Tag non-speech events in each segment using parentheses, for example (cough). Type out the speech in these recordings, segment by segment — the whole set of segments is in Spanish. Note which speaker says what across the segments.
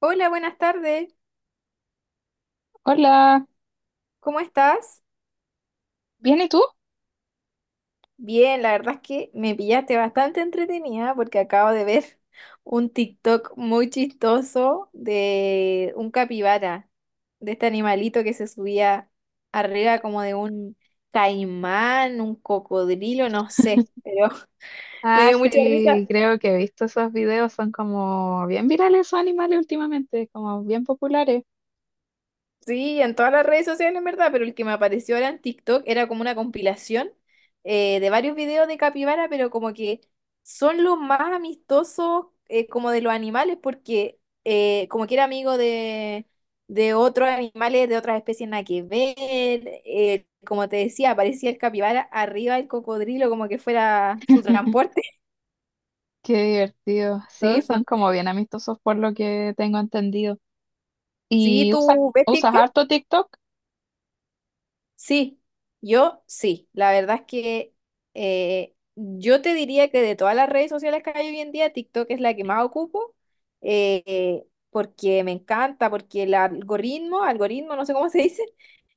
Speaker 1: Hola, buenas tardes.
Speaker 2: Hola,
Speaker 1: ¿Cómo estás?
Speaker 2: ¿bien y tú?
Speaker 1: Bien, la verdad es que me pillaste bastante entretenida porque acabo de ver (laughs) un TikTok muy chistoso de un capibara, de este animalito que se subía arriba como de un caimán, un cocodrilo, no sé, pero (laughs) me
Speaker 2: Ah,
Speaker 1: dio mucha risa.
Speaker 2: sí, creo que he visto esos videos, son como bien virales esos animales últimamente, como bien populares.
Speaker 1: Sí, en todas las redes sociales, en verdad, pero el que me apareció ahora en TikTok era como una compilación, de varios videos de capibara, pero como que son los más amistosos, como de los animales, porque como que era amigo de otros animales, de otras especies nada que ver. Como te decía, aparecía el capibara arriba del cocodrilo, como que fuera su
Speaker 2: (laughs)
Speaker 1: transporte.
Speaker 2: Qué divertido.
Speaker 1: (laughs) Todo
Speaker 2: Sí, son
Speaker 1: eso.
Speaker 2: como bien amistosos por lo que tengo entendido.
Speaker 1: Sí,
Speaker 2: ¿Y usas,
Speaker 1: ¿tú ves
Speaker 2: usas
Speaker 1: TikTok?
Speaker 2: harto TikTok?
Speaker 1: Sí, yo sí. La verdad es que yo te diría que de todas las redes sociales que hay hoy en día, TikTok es la que más ocupo, porque me encanta, porque el algoritmo, no sé cómo se dice.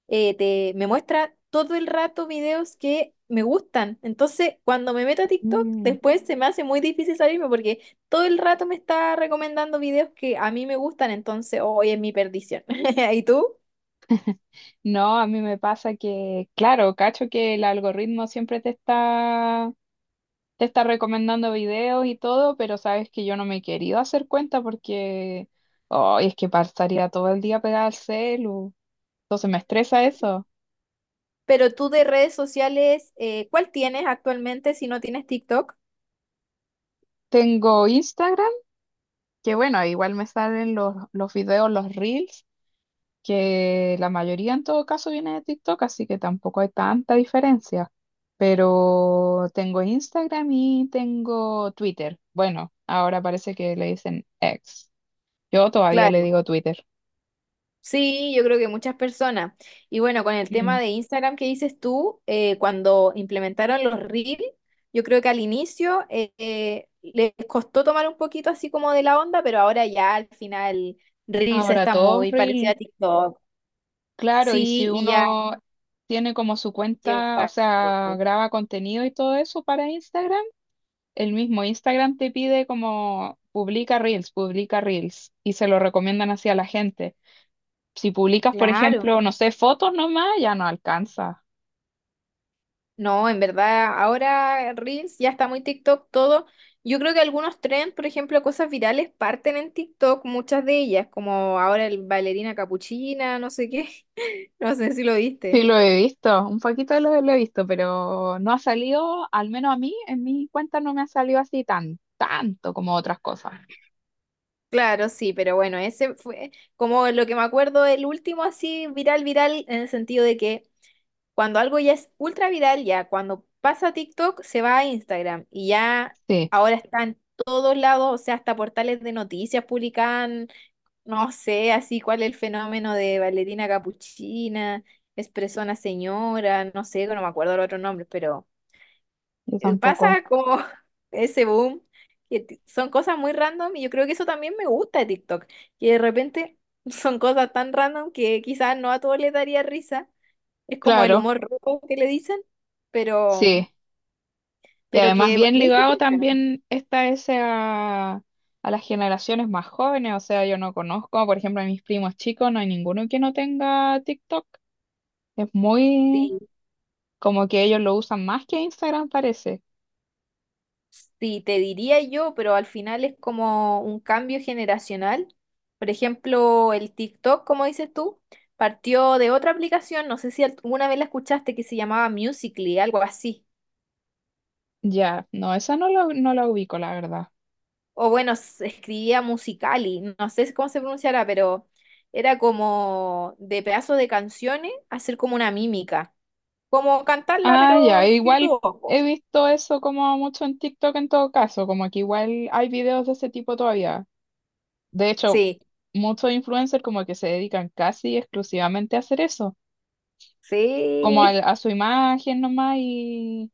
Speaker 1: Me muestra todo el rato videos que me gustan. Entonces, cuando me meto a TikTok,
Speaker 2: Mm.
Speaker 1: después se me hace muy difícil salirme porque todo el rato me está recomendando videos que a mí me gustan, entonces hoy es mi perdición. (laughs) ¿Y tú?
Speaker 2: No, a mí me pasa que, claro, cacho que el algoritmo siempre te está recomendando videos y todo, pero sabes que yo no me he querido hacer cuenta porque, oh, es que pasaría todo el día pegada al celu. Entonces me estresa eso.
Speaker 1: Pero tú de redes sociales, ¿cuál tienes actualmente si no tienes TikTok?
Speaker 2: Tengo Instagram, que bueno, igual me salen los videos, los reels, que la mayoría en todo caso viene de TikTok, así que tampoco hay tanta diferencia. Pero tengo Instagram y tengo Twitter. Bueno, ahora parece que le dicen X. Yo todavía le
Speaker 1: Claro.
Speaker 2: digo Twitter.
Speaker 1: Sí, yo creo que muchas personas. Y bueno, con el
Speaker 2: Mm.
Speaker 1: tema de Instagram que dices tú, cuando implementaron los Reels, yo creo que al inicio les costó tomar un poquito así como de la onda, pero ahora ya al final Reels
Speaker 2: Ahora
Speaker 1: está
Speaker 2: todos
Speaker 1: muy parecida
Speaker 2: reel.
Speaker 1: a TikTok.
Speaker 2: Claro, y si
Speaker 1: Sí, y ya
Speaker 2: uno tiene como su cuenta, o
Speaker 1: llega.
Speaker 2: sea, graba contenido y todo eso para Instagram. El mismo Instagram te pide como publica reels y se lo recomiendan así a la gente. Si publicas, por
Speaker 1: Claro.
Speaker 2: ejemplo, no sé, fotos nomás, ya no alcanza.
Speaker 1: No, en verdad, ahora Reels ya está muy TikTok todo. Yo creo que algunos trends, por ejemplo, cosas virales parten en TikTok, muchas de ellas, como ahora el bailarina capuchina, no sé qué, (laughs) no sé si lo
Speaker 2: Sí,
Speaker 1: viste.
Speaker 2: lo he visto, un poquito de lo he visto, pero no ha salido, al menos a mí, en mi cuenta no me ha salido así tan, tanto como otras cosas.
Speaker 1: Claro, sí, pero bueno, ese fue como lo que me acuerdo, el último así viral, viral, en el sentido de que cuando algo ya es ultra viral, ya cuando pasa a TikTok se va a Instagram y ya
Speaker 2: Sí,
Speaker 1: ahora está en todos lados, o sea, hasta portales de noticias publican. No sé, así cuál es el fenómeno de bailarina capuchina, expresona señora, no sé, no me acuerdo los otros nombres, pero
Speaker 2: yo tampoco.
Speaker 1: pasa como (laughs) ese boom, que son cosas muy random y yo creo que eso también me gusta de TikTok, que de repente (laughs) son cosas tan random que quizás no a todos les daría risa, es como el
Speaker 2: Claro,
Speaker 1: humor rojo que le dicen, pero,
Speaker 2: sí. Y
Speaker 1: pero
Speaker 2: además
Speaker 1: que a
Speaker 2: bien
Speaker 1: veces
Speaker 2: ligado
Speaker 1: funciona.
Speaker 2: también está ese a las generaciones más jóvenes, o sea, yo no conozco, por ejemplo, a mis primos chicos, no hay ninguno que no tenga TikTok. Es muy
Speaker 1: Sí.
Speaker 2: como que ellos lo usan más que Instagram, parece.
Speaker 1: Sí, te diría yo, pero al final es como un cambio generacional. Por ejemplo, el TikTok, como dices tú, partió de otra aplicación, no sé si alguna vez la escuchaste, que se llamaba Musical.ly, algo así.
Speaker 2: Ya, no, esa no la ubico, la verdad.
Speaker 1: O bueno, se escribía Musical.ly, no sé cómo se pronunciará, pero era como de pedazos de canciones hacer como una mímica, como cantarla,
Speaker 2: Ah, ya,
Speaker 1: pero sin
Speaker 2: igual
Speaker 1: tu ojo.
Speaker 2: he visto eso como mucho en TikTok en todo caso, como que igual hay videos de ese tipo todavía. De hecho,
Speaker 1: Sí,
Speaker 2: muchos influencers como que se dedican casi exclusivamente a hacer eso como
Speaker 1: sí,
Speaker 2: su imagen nomás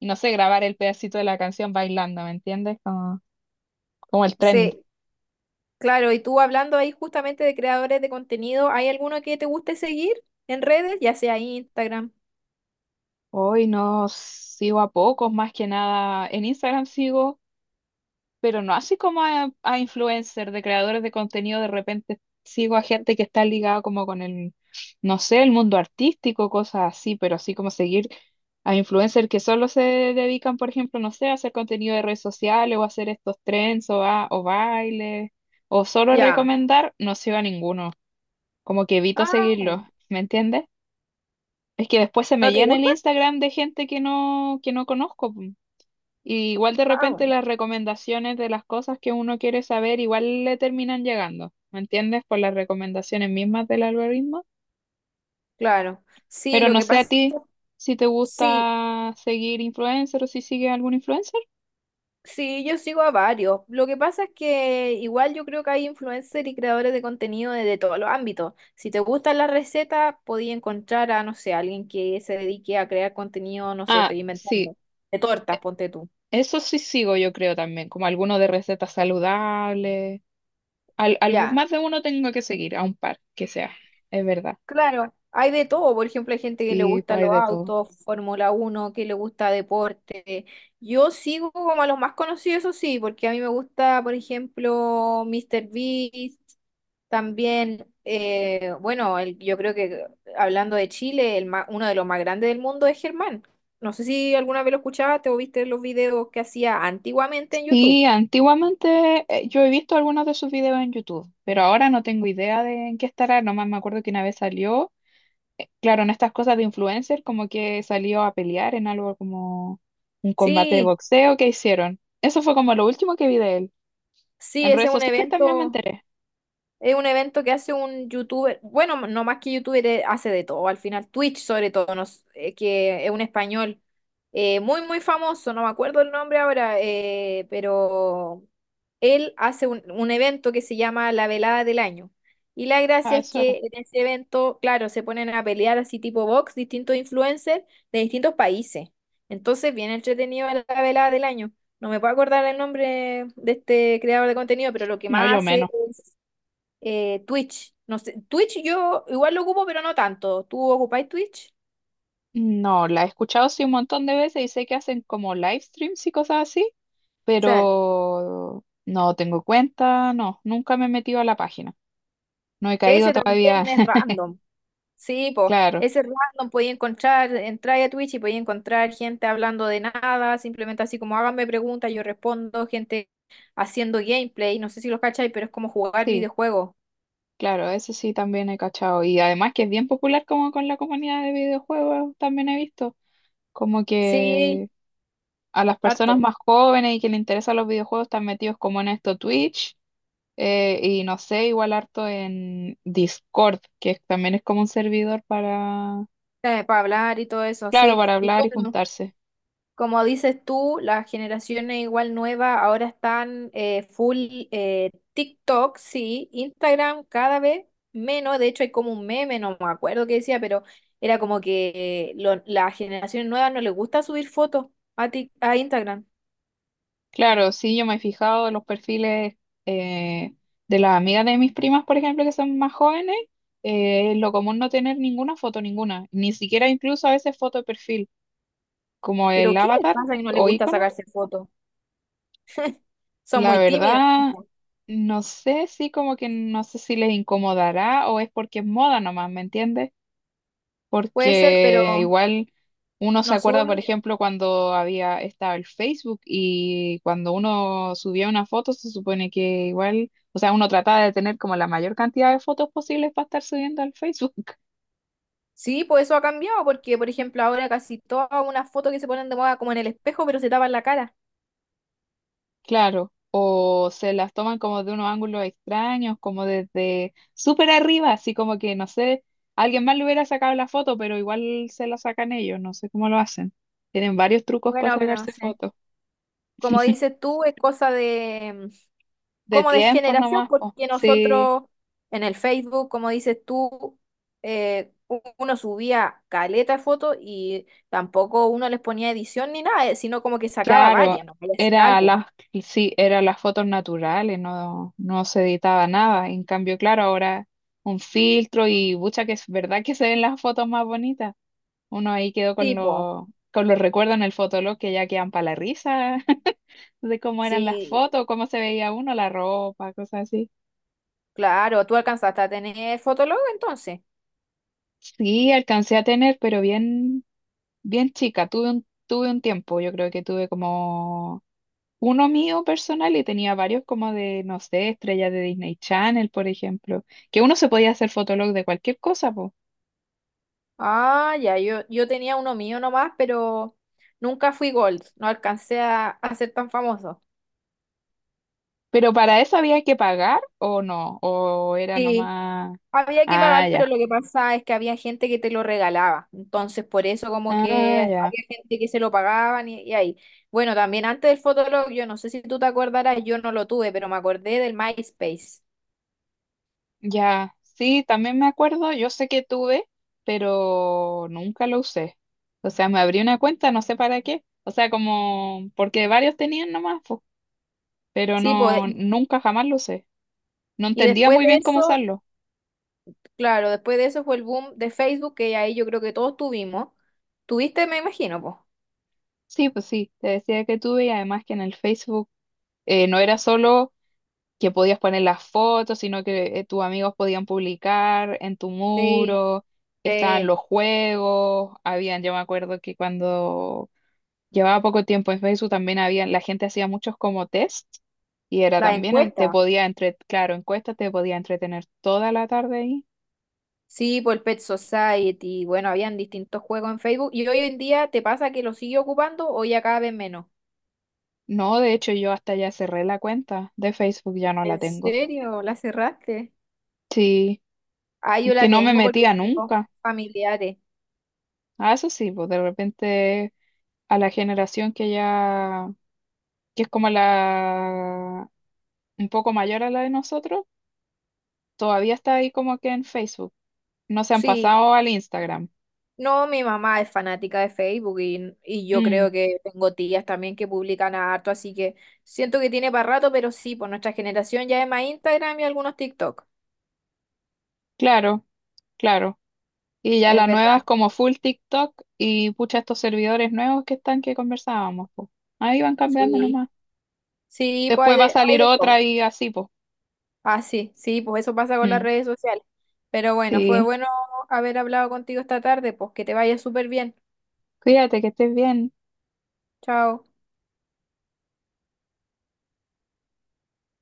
Speaker 2: y no sé, grabar el pedacito de la canción bailando, ¿me entiendes? Como, como el trend.
Speaker 1: sí. Claro, y tú hablando ahí justamente de creadores de contenido, ¿hay alguno que te guste seguir en redes? Ya sea Instagram.
Speaker 2: Hoy no sigo a pocos, más que nada. En Instagram sigo, pero no así como a influencers, de creadores de contenido, de repente sigo a gente que está ligada como con el, no sé, el mundo artístico, cosas así, pero así como seguir a influencers que solo se dedican, por ejemplo, no sé, a hacer contenido de redes sociales o a hacer estos trends o, a, o bailes, o solo
Speaker 1: Ya.
Speaker 2: recomendar, no sigo a ninguno, como que evito
Speaker 1: Ah, bueno.
Speaker 2: seguirlos, ¿me entiendes? Es que después se me
Speaker 1: ¿No te
Speaker 2: llena el
Speaker 1: gusta?
Speaker 2: Instagram de gente que no conozco. Y igual de
Speaker 1: Ah,
Speaker 2: repente
Speaker 1: bueno.
Speaker 2: las recomendaciones de las cosas que uno quiere saber igual le terminan llegando, ¿me entiendes? Por las recomendaciones mismas del algoritmo.
Speaker 1: Claro. Sí,
Speaker 2: Pero
Speaker 1: lo
Speaker 2: no
Speaker 1: que
Speaker 2: sé a
Speaker 1: pasa,
Speaker 2: ti si te
Speaker 1: sí,
Speaker 2: gusta seguir influencer o si sigues algún influencer.
Speaker 1: sí, yo sigo a varios. Lo que pasa es que igual yo creo que hay influencers y creadores de contenido de todos los ámbitos. Si te gustan las recetas, podía encontrar a, no sé, alguien que se dedique a crear contenido, no sé,
Speaker 2: Ah,
Speaker 1: estoy
Speaker 2: sí,
Speaker 1: inventando, de tortas, ponte tú.
Speaker 2: eso sí sigo yo creo también, como alguno de recetas saludables. Al, algún,
Speaker 1: Ya.
Speaker 2: más de uno tengo que seguir, a un par que sea, es verdad.
Speaker 1: Claro, hay de todo, por ejemplo, hay gente que le
Speaker 2: Sí,
Speaker 1: gusta
Speaker 2: pues hay
Speaker 1: los
Speaker 2: de todo.
Speaker 1: autos, Fórmula Uno, que le gusta deporte. Yo sigo como a los más conocidos, eso sí, porque a mí me gusta, por ejemplo, Mr. Beast, también, bueno, yo creo que hablando de Chile, uno de los más grandes del mundo es Germán. No sé si alguna vez lo escuchaste o viste los videos que hacía antiguamente en
Speaker 2: Sí,
Speaker 1: YouTube.
Speaker 2: antiguamente yo he visto algunos de sus videos en YouTube, pero ahora no tengo idea de en qué estará. Nomás me acuerdo que una vez salió, claro, en estas cosas de influencer, como que salió a pelear en algo como un combate de
Speaker 1: Sí,
Speaker 2: boxeo que hicieron. Eso fue como lo último que vi de él.
Speaker 1: sí,
Speaker 2: En
Speaker 1: ese
Speaker 2: redes
Speaker 1: es un
Speaker 2: sociales también me
Speaker 1: evento.
Speaker 2: enteré.
Speaker 1: Es un evento que hace un youtuber, bueno, no más que youtuber, hace de todo, al final Twitch sobre todo, que es un español muy, muy famoso, no me acuerdo el nombre ahora, pero él hace un evento que se llama La Velada del Año. Y la
Speaker 2: Ah,
Speaker 1: gracia es
Speaker 2: eso
Speaker 1: que
Speaker 2: era.
Speaker 1: en ese evento, claro, se ponen a pelear así tipo box, distintos influencers de distintos países. Entonces, bien entretenido la Velada del Año. No me puedo acordar el nombre de este creador de contenido, pero lo que
Speaker 2: No, yo
Speaker 1: más hace
Speaker 2: menos.
Speaker 1: Twitch. No sé, Twitch yo igual lo ocupo, pero no tanto. ¿Tú ocupáis Twitch?
Speaker 2: No, la he escuchado sí un montón de veces y sé que hacen como live streams y cosas así,
Speaker 1: Sí.
Speaker 2: pero no tengo cuenta, no, nunca me he metido a la página. No he caído
Speaker 1: Ese también
Speaker 2: todavía.
Speaker 1: es random. Sí, po.
Speaker 2: Claro,
Speaker 1: Ese es random, podía encontrar, entrar a Twitch y podía encontrar gente hablando de nada, simplemente así como háganme preguntas, yo respondo, gente haciendo gameplay, no sé si los cacháis, pero es como jugar
Speaker 2: sí,
Speaker 1: videojuegos.
Speaker 2: claro, eso sí también he cachado. Y además que es bien popular como con la comunidad de videojuegos, también he visto como
Speaker 1: Sí,
Speaker 2: que a las personas
Speaker 1: harto.
Speaker 2: más jóvenes y que les interesan los videojuegos están metidos como en esto Twitch, y no sé, igual harto en Discord, que también es como un servidor para,
Speaker 1: Para hablar y todo eso,
Speaker 2: claro,
Speaker 1: sí.
Speaker 2: para
Speaker 1: Y
Speaker 2: hablar y
Speaker 1: yo
Speaker 2: juntarse.
Speaker 1: como dices tú, las generaciones igual nuevas ahora están full TikTok, sí, Instagram cada vez menos, de hecho hay como un meme, no me acuerdo qué decía, pero era como que las generaciones nuevas no les gusta subir fotos a, a Instagram,
Speaker 2: Claro, sí, yo me he fijado en los perfiles eh, de las amigas de mis primas, por ejemplo, que son más jóvenes, es lo común no tener ninguna foto, ninguna, ni siquiera incluso a veces foto de perfil, como el
Speaker 1: pero ¿qué les
Speaker 2: avatar
Speaker 1: pasa que no les
Speaker 2: o
Speaker 1: gusta
Speaker 2: icono.
Speaker 1: sacarse fotos? Son
Speaker 2: La
Speaker 1: muy tímidos.
Speaker 2: verdad, no sé si como que no sé si les incomodará o es porque es moda nomás, ¿me entiendes?
Speaker 1: Puede ser, pero
Speaker 2: Porque igual uno se
Speaker 1: no
Speaker 2: acuerda,
Speaker 1: suben
Speaker 2: por
Speaker 1: mucho.
Speaker 2: ejemplo, cuando había estaba el Facebook y cuando uno subía una foto, se supone que igual, o sea, uno trataba de tener como la mayor cantidad de fotos posibles para estar subiendo al Facebook, (laughs)
Speaker 1: Sí, pues eso ha cambiado, porque por ejemplo ahora casi todas unas fotos que se ponen de moda como en el espejo, pero se tapan la cara.
Speaker 2: claro. O se las toman como de unos ángulos extraños, como desde súper arriba, así como que, no sé, alguien más le hubiera sacado la foto, pero igual se la sacan ellos, no sé cómo lo hacen. Tienen varios trucos para
Speaker 1: Bueno, pero
Speaker 2: sacarse
Speaker 1: sí.
Speaker 2: fotos.
Speaker 1: Como dices tú, es cosa de,
Speaker 2: De
Speaker 1: como de
Speaker 2: tiempos
Speaker 1: generación,
Speaker 2: nomás, po.
Speaker 1: porque
Speaker 2: Sí.
Speaker 1: nosotros en el Facebook, como dices tú, uno subía caleta de fotos y tampoco uno les ponía edición ni nada, sino como que sacaba
Speaker 2: Claro,
Speaker 1: varias, no le decía
Speaker 2: era
Speaker 1: álbum.
Speaker 2: las, sí, eran las fotos naturales, no, no se editaba nada. En cambio, claro, ahora un filtro y mucha que es verdad que se ven las fotos más bonitas. Uno ahí quedó con
Speaker 1: Tipo,
Speaker 2: con los recuerdos en el fotolog que ya quedan para la risa (laughs) de cómo eran las
Speaker 1: sí,
Speaker 2: fotos, cómo se veía uno, la ropa, cosas así.
Speaker 1: claro, tú alcanzaste a tener Fotolog entonces.
Speaker 2: Sí, alcancé a tener, pero bien chica. Tuve un tiempo, yo creo que tuve como uno mío personal y tenía varios como de, no sé, estrellas de Disney Channel, por ejemplo, que uno se podía hacer fotolog de cualquier cosa, po.
Speaker 1: Ah, ya, yo tenía uno mío nomás, pero nunca fui Gold, no alcancé a ser tan famoso.
Speaker 2: Pero para eso había que pagar o no, o era
Speaker 1: Sí.
Speaker 2: nomás...
Speaker 1: Había que
Speaker 2: Ah,
Speaker 1: pagar, pero
Speaker 2: ya,
Speaker 1: lo que pasa es que había gente que te lo regalaba. Entonces, por eso como
Speaker 2: ah,
Speaker 1: que
Speaker 2: ya,
Speaker 1: había gente que se lo pagaban y ahí. Bueno, también antes del Fotolog, yo no sé si tú te acordarás, yo no lo tuve, pero me acordé del MySpace.
Speaker 2: ya. Sí, también me acuerdo, yo sé que tuve, pero nunca lo usé. O sea, me abrí una cuenta, no sé para qué. O sea, como, porque varios tenían nomás, po, pero
Speaker 1: Sí, pues,
Speaker 2: no, nunca jamás lo usé. No
Speaker 1: y
Speaker 2: entendía
Speaker 1: después
Speaker 2: muy
Speaker 1: de
Speaker 2: bien cómo
Speaker 1: eso,
Speaker 2: usarlo.
Speaker 1: claro, después de eso fue el boom de Facebook, que ahí yo creo que todos tuvimos. Tuviste, me imagino, pues.
Speaker 2: Sí, pues sí, te decía que tuve y además que en el Facebook no era solo que podías poner las fotos, sino que tus amigos podían publicar en tu
Speaker 1: Sí,
Speaker 2: muro, estaban
Speaker 1: sí,
Speaker 2: los juegos, habían, yo me acuerdo que cuando llevaba poco tiempo en Facebook también había, la gente hacía muchos como test y era
Speaker 1: las
Speaker 2: también, te
Speaker 1: encuestas.
Speaker 2: podía entre, claro, encuestas, te podía entretener toda la tarde ahí.
Speaker 1: Sí, por Pet Society. Bueno, habían distintos juegos en Facebook. ¿Y hoy en día te pasa que lo sigue ocupando o ya cada vez menos?
Speaker 2: No, de hecho yo hasta ya cerré la cuenta de Facebook, ya no la
Speaker 1: ¿En
Speaker 2: tengo.
Speaker 1: serio? ¿La cerraste?
Speaker 2: Sí,
Speaker 1: Ah, yo la
Speaker 2: que no me
Speaker 1: tengo porque
Speaker 2: metía
Speaker 1: tengo
Speaker 2: nunca.
Speaker 1: familiares.
Speaker 2: Ah, eso sí, pues de repente a la generación que ya, que es como la un poco mayor a la de nosotros, todavía está ahí como que en Facebook. No se han
Speaker 1: Sí.
Speaker 2: pasado al Instagram.
Speaker 1: No, mi mamá es fanática de Facebook y yo
Speaker 2: Mm,
Speaker 1: creo que tengo tías también que publican harto, así que siento que tiene para rato, pero sí, por nuestra generación ya es más Instagram y algunos TikTok.
Speaker 2: claro, claro. Y ya
Speaker 1: Es
Speaker 2: la nueva es
Speaker 1: verdad.
Speaker 2: como full TikTok y pucha estos servidores nuevos que están que conversábamos, pues. Ahí van cambiando
Speaker 1: Sí.
Speaker 2: nomás.
Speaker 1: Sí, pues
Speaker 2: Después va a
Speaker 1: hay
Speaker 2: salir
Speaker 1: de todo.
Speaker 2: otra y así, pues.
Speaker 1: Ah, sí, sí, pues eso pasa con las
Speaker 2: Mm,
Speaker 1: redes sociales. Pero bueno, fue
Speaker 2: sí.
Speaker 1: bueno haber hablado contigo esta tarde, pues que te vaya súper bien.
Speaker 2: Cuídate, que estés bien.
Speaker 1: Chao.